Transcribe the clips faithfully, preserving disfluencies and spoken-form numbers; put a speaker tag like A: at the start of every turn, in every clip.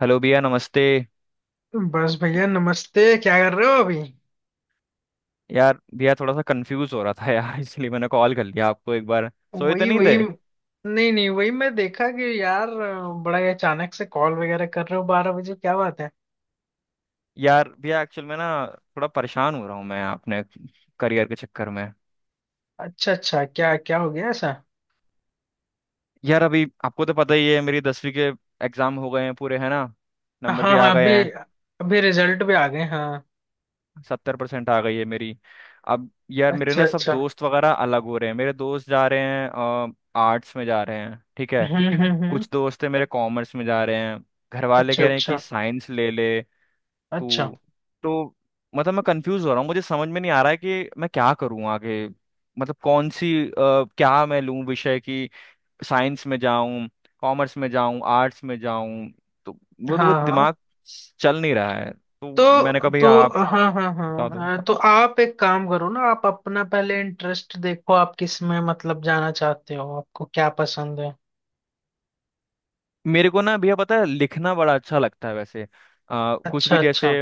A: Hello भैया नमस्ते।
B: बस भैया नमस्ते। क्या कर रहे हो अभी।
A: यार भैया थोड़ा सा कंफ्यूज हो रहा था यार इसलिए मैंने कॉल कर लिया आपको एक बार। सोए तो
B: वही
A: नहीं थे?
B: वही नहीं नहीं, वही मैं देखा कि यार बड़ा ही अचानक से कॉल वगैरह कर रहे हो, बारह बजे क्या बात है।
A: यार भैया एक्चुअल में ना थोड़ा परेशान हो रहा हूँ मैं अपने करियर के चक्कर में।
B: अच्छा अच्छा, क्या क्या हो गया ऐसा।
A: यार अभी आपको तो पता ही है, मेरी दसवीं के एग्जाम हो गए हैं पूरे, है ना। नंबर भी
B: हाँ
A: आ
B: हाँ,
A: गए
B: अभी
A: हैं।
B: अभी रिजल्ट भी आ गए, हाँ।
A: सत्तर परसेंट आ गई है मेरी। अब यार मेरे
B: अच्छा
A: ना सब
B: अच्छा।
A: दोस्त वगैरह अलग हो रहे हैं, मेरे दोस्त जा रहे हैं। आर्ट्स में जा रहे हैं, ठीक है।
B: हम्म हम्म हम्म।
A: कुछ दोस्त है मेरे, कॉमर्स में जा रहे हैं। घर वाले
B: अच्छा
A: कह रहे हैं कि
B: अच्छा
A: साइंस ले ले।
B: अच्छा।
A: तो तो मतलब मैं कंफ्यूज हो रहा हूँ, मुझे समझ में नहीं आ रहा है कि मैं क्या करूँ आगे। मतलब कौन सी अ, क्या मैं लूँ विषय की। साइंस में जाऊँ, कॉमर्स में जाऊँ, आर्ट्स में जाऊँ। तो वो तो वो
B: हाँ हाँ।
A: दिमाग चल नहीं रहा है तो। मैंने
B: तो
A: कहा
B: तो
A: भैया आप
B: हाँ हाँ
A: बता दो।
B: हाँ, तो आप एक काम करो ना, आप अपना पहले इंटरेस्ट देखो, आप किस में मतलब जाना चाहते हो, आपको क्या पसंद है।
A: मेरे को ना भैया पता है, लिखना बड़ा अच्छा लगता है वैसे, अ, कुछ
B: अच्छा
A: भी, जैसे
B: अच्छा।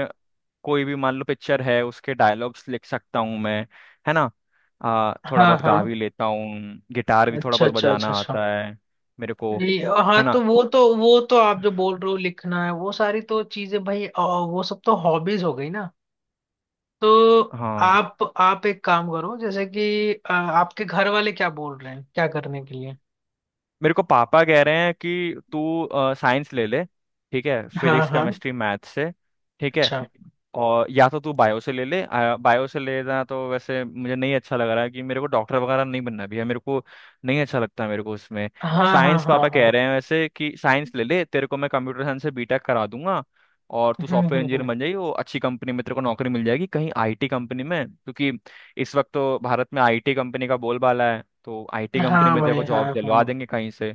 A: कोई भी मान लो पिक्चर है उसके डायलॉग्स लिख सकता हूँ मैं, है ना। आ, थोड़ा
B: हाँ
A: बहुत
B: हाँ।
A: गा भी लेता हूँ। गिटार भी थोड़ा
B: अच्छा
A: बहुत
B: अच्छा अच्छा
A: बजाना
B: अच्छा।
A: आता है मेरे को,
B: नहीं। हाँ
A: है ना।
B: तो वो तो वो तो आप जो बोल रहे हो लिखना है वो सारी तो चीजें भाई अ, वो सब तो हॉबीज हो गई ना। तो
A: हाँ।
B: आप आप एक काम करो जैसे कि अ, आपके घर वाले क्या बोल रहे हैं क्या करने के लिए।
A: मेरे को पापा कह रहे हैं कि तू साइंस ले ले, ठीक है,
B: हाँ
A: फिजिक्स
B: हाँ।
A: केमिस्ट्री मैथ से, ठीक है।
B: अच्छा।
A: और या तो तू बायो से ले ले, आ, बायो से लेना तो वैसे मुझे नहीं अच्छा लग रहा है, कि मेरे को डॉक्टर वगैरह नहीं बनना भी है मेरे को, नहीं अच्छा लगता मेरे को उसमें।
B: हाँ हाँ
A: साइंस
B: हाँ
A: पापा
B: हाँ।
A: कह रहे हैं वैसे कि साइंस ले ले तेरे को, मैं कंप्यूटर साइंस से बीटेक करा दूंगा, और तू
B: हम्म
A: सॉफ्टवेयर
B: हम्म
A: इंजीनियर
B: हम्म।
A: बन जाएगी, वो अच्छी कंपनी में तेरे को नौकरी मिल जाएगी कहीं आईटी कंपनी में, क्योंकि इस वक्त तो भारत में आईटी कंपनी का बोलबाला है, तो आईटी कंपनी
B: हाँ
A: में तेरे
B: भाई
A: को
B: हाँ
A: जॉब दिलवा
B: हाँ।
A: देंगे कहीं से,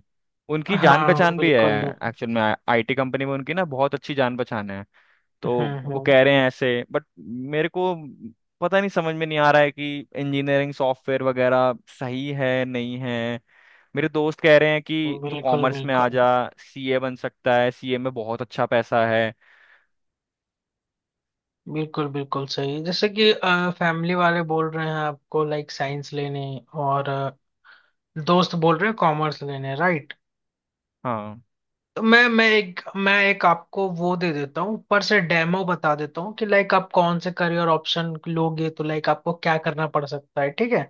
A: उनकी जान
B: हाँ
A: पहचान भी है।
B: बिल्कुल।
A: एक्चुअल में आईटी कंपनी में उनकी ना बहुत अच्छी जान पहचान है। तो
B: हम्म
A: वो
B: हम्म।
A: कह रहे हैं ऐसे, बट मेरे को पता नहीं, समझ में नहीं आ रहा है कि इंजीनियरिंग सॉफ्टवेयर वगैरह सही है नहीं है। मेरे दोस्त कह रहे हैं कि तू
B: बिल्कुल
A: कॉमर्स में आ
B: बिल्कुल।
A: जा, सीए बन सकता है, सीए में बहुत अच्छा पैसा है।
B: बिल्कुल बिल्कुल सही। जैसे कि फैमिली वाले बोल रहे हैं आपको लाइक साइंस लेने, और अ, दोस्त बोल रहे हैं कॉमर्स लेने, राइट।
A: हाँ
B: मैं मैं एक मैं एक आपको वो दे देता हूँ, ऊपर से डेमो बता देता हूँ कि लाइक आप कौन से करियर ऑप्शन लोगे तो लाइक आपको क्या करना पड़ सकता है, ठीक है।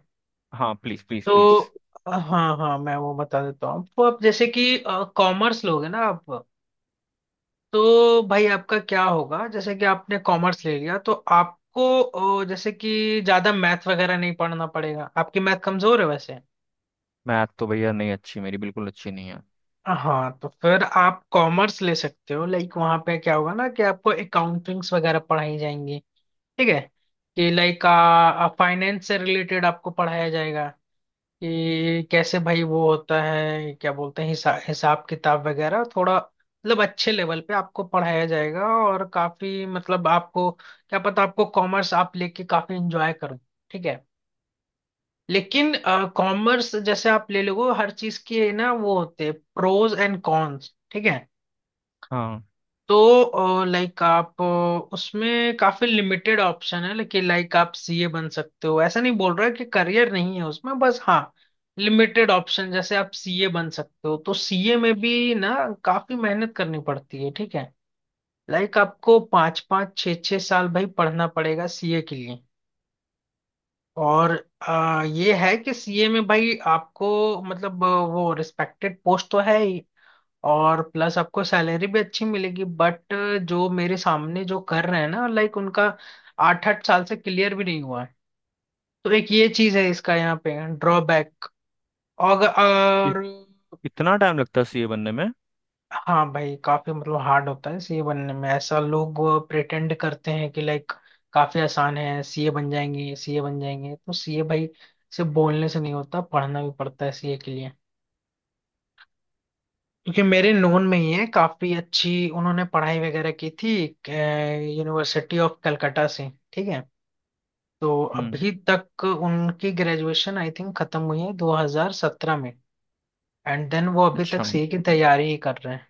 A: हाँ, प्लीज प्लीज
B: तो
A: प्लीज।
B: अ, हाँ हाँ, मैं वो बता देता हूँ आपको। आप जैसे कि कॉमर्स लोगे ना आप, तो भाई आपका क्या होगा। जैसे कि आपने कॉमर्स ले लिया तो आपको अ, जैसे कि ज्यादा मैथ वगैरह नहीं पढ़ना पड़ेगा, आपकी मैथ कमजोर है वैसे।
A: मैथ तो भैया नहीं अच्छी, मेरी बिल्कुल अच्छी नहीं है।
B: हाँ तो फिर आप कॉमर्स ले सकते हो। लाइक वहां पे क्या होगा ना, कि आपको अकाउंटिंग्स वगैरह पढ़ाई जाएंगी, ठीक है। कि लाइक फाइनेंस से रिलेटेड आपको पढ़ाया जाएगा, कि कैसे भाई वो होता है क्या बोलते हैं हिसा, हिसाब किताब वगैरह, थोड़ा मतलब अच्छे लेवल पे आपको पढ़ाया जाएगा, और काफी मतलब आपको क्या पता, आपको कॉमर्स आप लेके काफी एंजॉय करो, ठीक है। लेकिन कॉमर्स जैसे आप ले लोगे, हर चीज के ना वो होते हैं प्रोज एंड कॉन्स, ठीक है।
A: हाँ,
B: तो लाइक आप अ, उसमें काफी लिमिटेड ऑप्शन है, लेकिन लाइक आप सीए बन सकते हो, ऐसा नहीं बोल रहा कि करियर नहीं है उसमें, बस हाँ लिमिटेड ऑप्शन। जैसे आप सीए बन सकते हो तो सीए में भी ना काफी मेहनत करनी पड़ती है, ठीक है। लाइक आपको पाँच पाँच छः छः साल भाई पढ़ना पड़ेगा सीए के लिए। और अ, ये है कि सीए में भाई आपको मतलब अ, वो रिस्पेक्टेड पोस्ट तो है ही, और प्लस आपको सैलरी भी अच्छी मिलेगी, बट जो मेरे सामने जो कर रहे हैं ना लाइक उनका आठ आठ साल से क्लियर भी नहीं हुआ है। तो एक ये चीज है इसका यहाँ पे ड्रॉबैक। और,
A: इत,
B: और
A: इतना टाइम लगता है सीए बनने में?
B: हाँ भाई, काफी मतलब हार्ड होता है सीए बनने में। ऐसा लोग प्रिटेंड करते हैं कि लाइक काफी आसान है, सीए बन जाएंगे सीए बन जाएंगे, तो सीए भाई सिर्फ बोलने से नहीं होता, पढ़ना भी पड़ता है सीए के लिए। क्योंकि मेरे नोन में ही है, काफी अच्छी उन्होंने पढ़ाई वगैरह की थी, यूनिवर्सिटी ऑफ कलकत्ता से, ठीक है। तो
A: हम्म,
B: अभी तक उनकी ग्रेजुएशन आई थिंक खत्म हुई है दो हज़ार सत्रह में, एंड देन वो अभी
A: अच्छा।
B: तक सीए की तैयारी ही कर रहे हैं।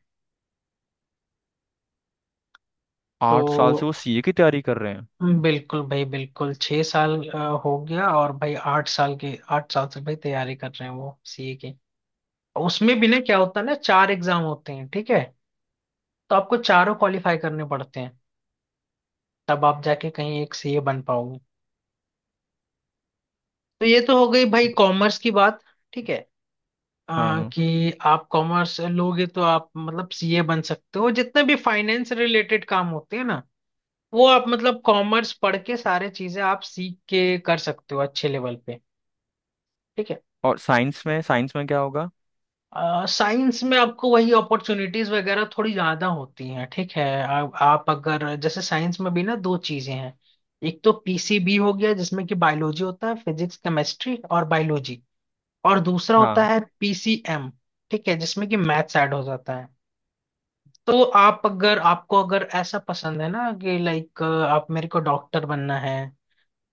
A: आठ साल से
B: तो
A: वो सीए की तैयारी कर रहे हैं?
B: बिल्कुल भाई बिल्कुल, छह साल अ, हो गया, और भाई आठ साल के, आठ साल से भाई तैयारी कर रहे हैं वो सीए की। उसमें भी ना क्या होता है ना, चार एग्जाम होते हैं, ठीक है। तो आपको चारों क्वालिफाई करने पड़ते हैं, तब आप जाके कहीं एक सीए बन पाओगे। तो ये तो हो गई भाई कॉमर्स की बात, ठीक है। अ,
A: हाँ,
B: कि आप कॉमर्स लोगे तो आप मतलब सीए बन सकते हो, जितने भी फाइनेंस रिलेटेड काम होते हैं ना, वो आप मतलब कॉमर्स पढ़ के सारे चीजें आप सीख के कर सकते हो अच्छे लेवल पे, ठीक है।
A: और साइंस में, साइंस में क्या होगा।
B: साइंस में आपको वही अपॉर्चुनिटीज वगैरह थोड़ी ज्यादा होती हैं, ठीक है। आ, आप अगर, जैसे साइंस में भी ना दो चीजें हैं। एक तो पीसीबी हो गया, जिसमें कि बायोलॉजी होता है, फिजिक्स केमिस्ट्री और बायोलॉजी। और दूसरा होता
A: हाँ,
B: है पीसीएम, ठीक है, जिसमें कि मैथ्स ऐड हो जाता है। तो आप अगर, आपको अगर ऐसा पसंद है ना कि लाइक आप मेरे को डॉक्टर बनना है,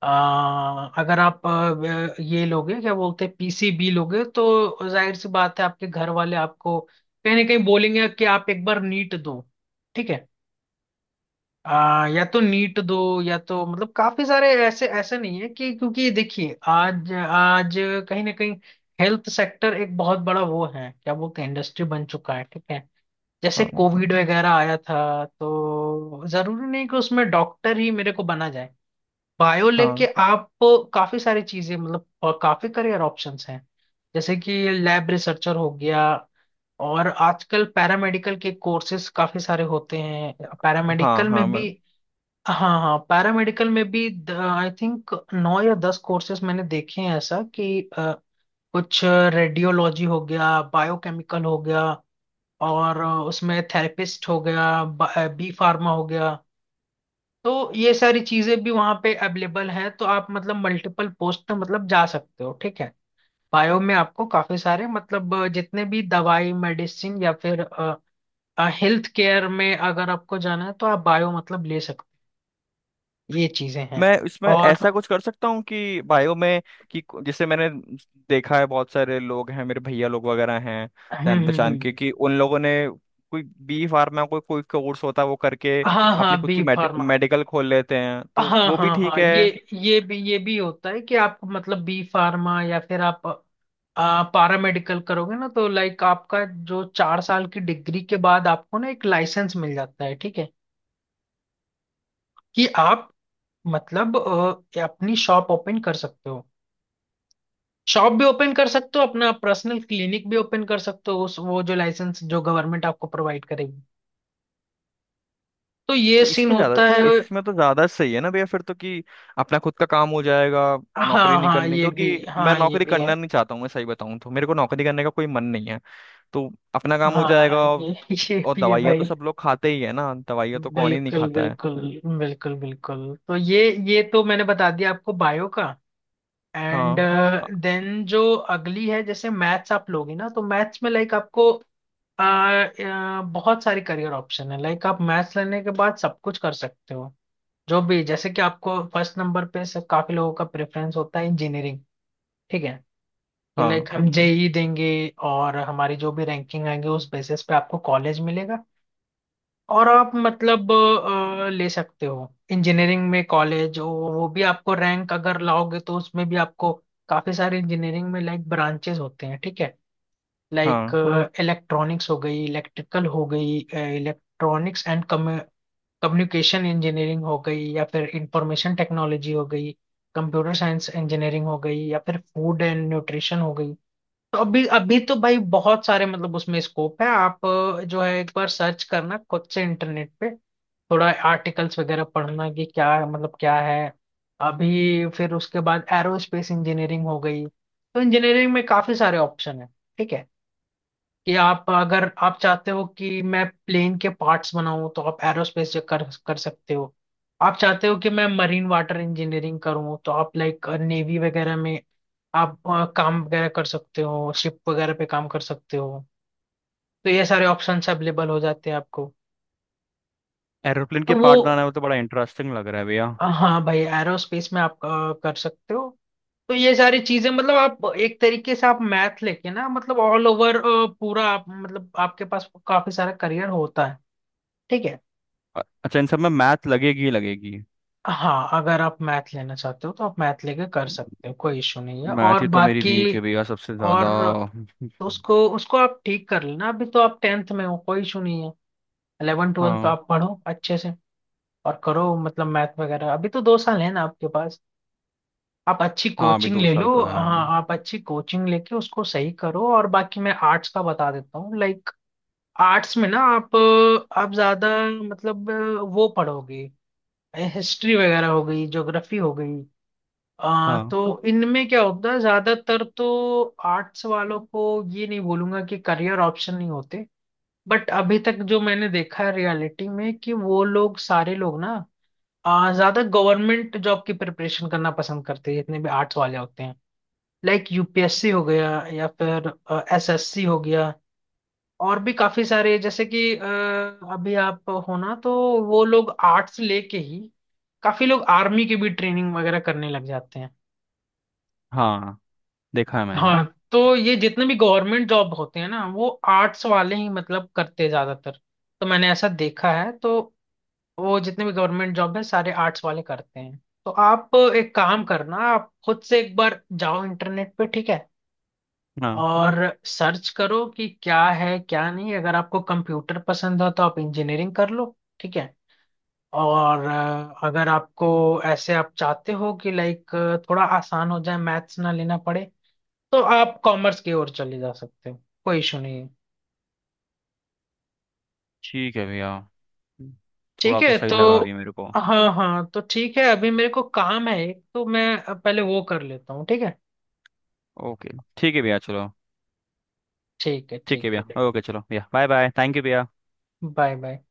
B: आ, अगर आप अ, ये लोगे क्या बोलते हैं पीसीबी लोगे, तो जाहिर सी बात है आपके घर वाले आपको कहीं ना कहीं बोलेंगे कि आप एक बार नीट दो, ठीक है। आ, या तो नीट दो, या तो मतलब काफी सारे ऐसे, ऐसे नहीं है कि क्योंकि देखिए आज आज कहीं ना कहीं हेल्थ सेक्टर एक बहुत बड़ा वो है क्या बोलते हैं इंडस्ट्री बन चुका है, ठीक है। जैसे
A: हाँ,
B: कोविड वगैरह आया था, तो जरूरी नहीं कि उसमें डॉक्टर ही मेरे को बना जाए। बायो लेके
A: हाँ,
B: आप काफी सारी चीजें मतलब अ, काफी करियर ऑप्शंस हैं। जैसे कि लैब रिसर्चर हो गया, और आजकल पैरामेडिकल के कोर्सेज काफी सारे होते हैं।
A: हाँ,
B: पैरामेडिकल में
A: हाँ, मैं
B: भी, हाँ हाँ, पैरामेडिकल में भी आई थिंक नौ या दस कोर्सेज मैंने देखे हैं ऐसा, कि अ, कुछ रेडियोलॉजी हो गया, बायोकेमिकल हो गया, और अ, उसमें थेरेपिस्ट हो गया, बी फार्मा हो गया। तो ये सारी चीजें भी वहाँ पे अवेलेबल है, तो आप मतलब मल्टीपल पोस्ट पे मतलब जा सकते हो, ठीक है। बायो में आपको काफी सारे मतलब अ, जितने भी दवाई मेडिसिन या फिर हेल्थ केयर में अगर आपको जाना है, तो आप बायो मतलब ले सकते हो। ये चीजें हैं,
A: मैं इसमें
B: और
A: ऐसा कुछ कर सकता हूँ कि बायो में, कि को- जैसे मैंने देखा है, बहुत सारे लोग हैं मेरे भैया लोग वगैरह हैं
B: हम्म
A: जान
B: हम्म,
A: पहचान
B: हम्म।
A: के, कि उन लोगों ने कोई बी फार्मा कोई कोई कोर्स होता है, वो करके
B: हाँ
A: अपनी
B: हाँ
A: खुद
B: बी
A: की मेड,
B: फार्मा।
A: मेडिकल खोल लेते हैं, तो
B: हाँ
A: वो भी
B: हाँ
A: ठीक
B: हाँ, ये
A: है।
B: ये भी ये भी होता है कि आप मतलब बी फार्मा या फिर आप आ, पारामेडिकल करोगे ना, तो लाइक आपका जो चार साल की डिग्री के बाद आपको ना एक लाइसेंस मिल जाता है, ठीक है, कि आप मतलब अ, अपनी शॉप ओपन कर सकते हो। शॉप भी ओपन कर सकते हो, अपना पर्सनल क्लिनिक भी ओपन कर सकते हो, उस वो जो लाइसेंस जो गवर्नमेंट आपको प्रोवाइड करेगी। तो ये
A: तो
B: सीन
A: इसमें ज्यादा,
B: होता है।
A: इसमें तो ज्यादा सही है ना भैया फिर तो, कि अपना खुद का काम हो जाएगा। नौकरी
B: हाँ
A: नहीं
B: हाँ
A: करनी,
B: ये
A: क्योंकि
B: भी,
A: मैं
B: हाँ ये
A: नौकरी
B: भी है।
A: करना नहीं चाहता हूँ, मैं सही बताऊँ तो मेरे को नौकरी करने का कोई मन नहीं है, तो अपना काम हो जाएगा।
B: हाँ ये ये
A: और
B: भी है
A: दवाइयाँ तो
B: भाई।
A: सब लोग खाते ही है ना, दवाइयाँ तो कौन ही नहीं
B: बिल्कुल
A: खाता है।
B: बिल्कुल। बिल्कुल बिल्कुल। तो ये ये तो मैंने बता दिया आपको बायो का। एंड
A: हाँ, अ-
B: देन जो अगली है, जैसे मैथ्स आप लोगे ना तो मैथ्स में लाइक आपको अ, अ, बहुत सारे करियर ऑप्शन है। लाइक आप मैथ्स लेने के बाद सब कुछ कर सकते हो जो भी। जैसे कि आपको फर्स्ट नंबर पे से काफी लोगों का प्रेफरेंस होता है इंजीनियरिंग, ठीक है, कि लाइक
A: हाँ
B: हम जेई देंगे, और हमारी जो भी रैंकिंग आएंगे उस बेसिस पे आपको कॉलेज मिलेगा, और आप मतलब अ, ले सकते हो इंजीनियरिंग में कॉलेज। वो वो भी आपको रैंक अगर लाओगे तो उसमें भी आपको काफी सारे इंजीनियरिंग में लाइक ब्रांचेस होते हैं, ठीक है। लाइक
A: हाँ।
B: इलेक्ट्रॉनिक्स हो गई, इलेक्ट्रिकल हो गई, इलेक्ट्रॉनिक्स एंड कम्युनिकेशन इंजीनियरिंग हो गई, या फिर इंफॉर्मेशन टेक्नोलॉजी हो गई, कंप्यूटर साइंस इंजीनियरिंग हो गई, या फिर फूड एंड न्यूट्रिशन हो गई। तो अभी अभी तो भाई बहुत सारे मतलब उसमें स्कोप है। आप अ, जो है एक बार सर्च करना खुद से इंटरनेट पे, थोड़ा आर्टिकल्स वगैरह पढ़ना कि क्या मतलब क्या है। अभी फिर उसके बाद एरोस्पेस इंजीनियरिंग हो गई। तो इंजीनियरिंग में काफी सारे ऑप्शन है, ठीक है। कि आप, अगर आप चाहते हो कि मैं प्लेन के पार्ट्स बनाऊं तो आप एरोस्पेस कर कर सकते हो। आप चाहते हो कि मैं मरीन वाटर इंजीनियरिंग करूं, तो आप लाइक नेवी वगैरह में आप अ, काम वगैरह कर सकते हो, शिप वगैरह पे काम कर सकते हो। तो ये सारे ऑप्शंस अवेलेबल हो जाते हैं आपको।
A: एरोप्लेन
B: तो
A: के
B: वो,
A: पार्ट बनाने में तो बड़ा इंटरेस्टिंग लग रहा है भैया।
B: हाँ भाई एरोस्पेस में आप अ, कर सकते हो। तो ये सारी चीजें मतलब आप एक तरीके से, आप मैथ लेके ना मतलब ऑल ओवर पूरा, आप मतलब आपके पास काफी सारा करियर होता है, ठीक है।
A: अ- अच्छा, इन सब में मैथ लगेगी ही लगेगी।
B: हाँ अगर आप मैथ लेना चाहते हो तो आप मैथ लेके कर सकते हो, कोई इशू नहीं है,
A: मैथ
B: और
A: ही तो मेरी
B: बाकी।
A: वीक है भैया, सबसे ज़्यादा।
B: और तो उसको उसको आप ठीक कर लेना, अभी तो आप टेंथ में हो, कोई इशू नहीं है। इलेवन ट्वेल्थ तो
A: हाँ
B: आप पढ़ो अच्छे से, और करो मतलब मैथ वगैरह। अभी तो दो साल है ना आपके पास, आप अच्छी
A: हाँ, अभी
B: कोचिंग
A: दो
B: ले लो।
A: साल तो है।
B: हाँ आप अच्छी कोचिंग लेके उसको सही करो, और बाकी मैं आर्ट्स का बता देता हूँ, लाइक आर्ट्स में ना आप आप ज्यादा मतलब वो पढ़ोगे, हिस्ट्री वगैरह हो गई, ज्योग्राफी हो गई। आ,
A: हाँ
B: तो इनमें क्या होता है, ज्यादातर तो आर्ट्स वालों को ये नहीं बोलूंगा कि करियर ऑप्शन नहीं होते, बट अभी तक जो मैंने देखा है रियलिटी में, कि वो लोग सारे लोग ना आ, ज्यादा गवर्नमेंट जॉब की प्रिपरेशन करना पसंद करते हैं, जितने भी आर्ट्स वाले होते हैं, लाइक यूपीएससी हो गया, या फिर एसएससी हो गया, और भी काफी सारे, जैसे कि अ, अभी आप हो ना, तो वो लोग आर्ट्स लेके ही, काफी लोग आर्मी की भी ट्रेनिंग वगैरह करने लग जाते हैं।
A: हाँ, देखा है मैंने।
B: हाँ, तो ये जितने भी गवर्नमेंट जॉब होते हैं ना वो आर्ट्स वाले ही मतलब करते हैं ज्यादातर। तो मैंने ऐसा देखा है, तो वो जितने भी गवर्नमेंट जॉब है सारे आर्ट्स वाले करते हैं। तो आप एक काम करना, आप खुद से एक बार जाओ इंटरनेट पे, ठीक है,
A: हाँ
B: और सर्च करो कि क्या है क्या नहीं, अगर आपको कंप्यूटर पसंद हो तो आप इंजीनियरिंग कर लो, ठीक है। और अ, अगर आपको ऐसे आप चाहते हो कि लाइक थोड़ा आसान हो जाए, मैथ्स ना लेना पड़े, तो आप कॉमर्स की ओर चले जा सकते हो, कोई इशू नहीं है,
A: ठीक है भैया, थोड़ा
B: ठीक
A: तो
B: है।
A: सही
B: तो
A: लगा अभी मेरे को।
B: हाँ हाँ, तो ठीक है, अभी मेरे को काम है एक, तो मैं पहले वो कर लेता हूँ, ठीक है
A: ओके, ठीक है भैया चलो।
B: ठीक है
A: ठीक है
B: ठीक है।
A: भैया ओके, चलो भैया, बाय बाय, थैंक यू भैया।
B: Bye bye.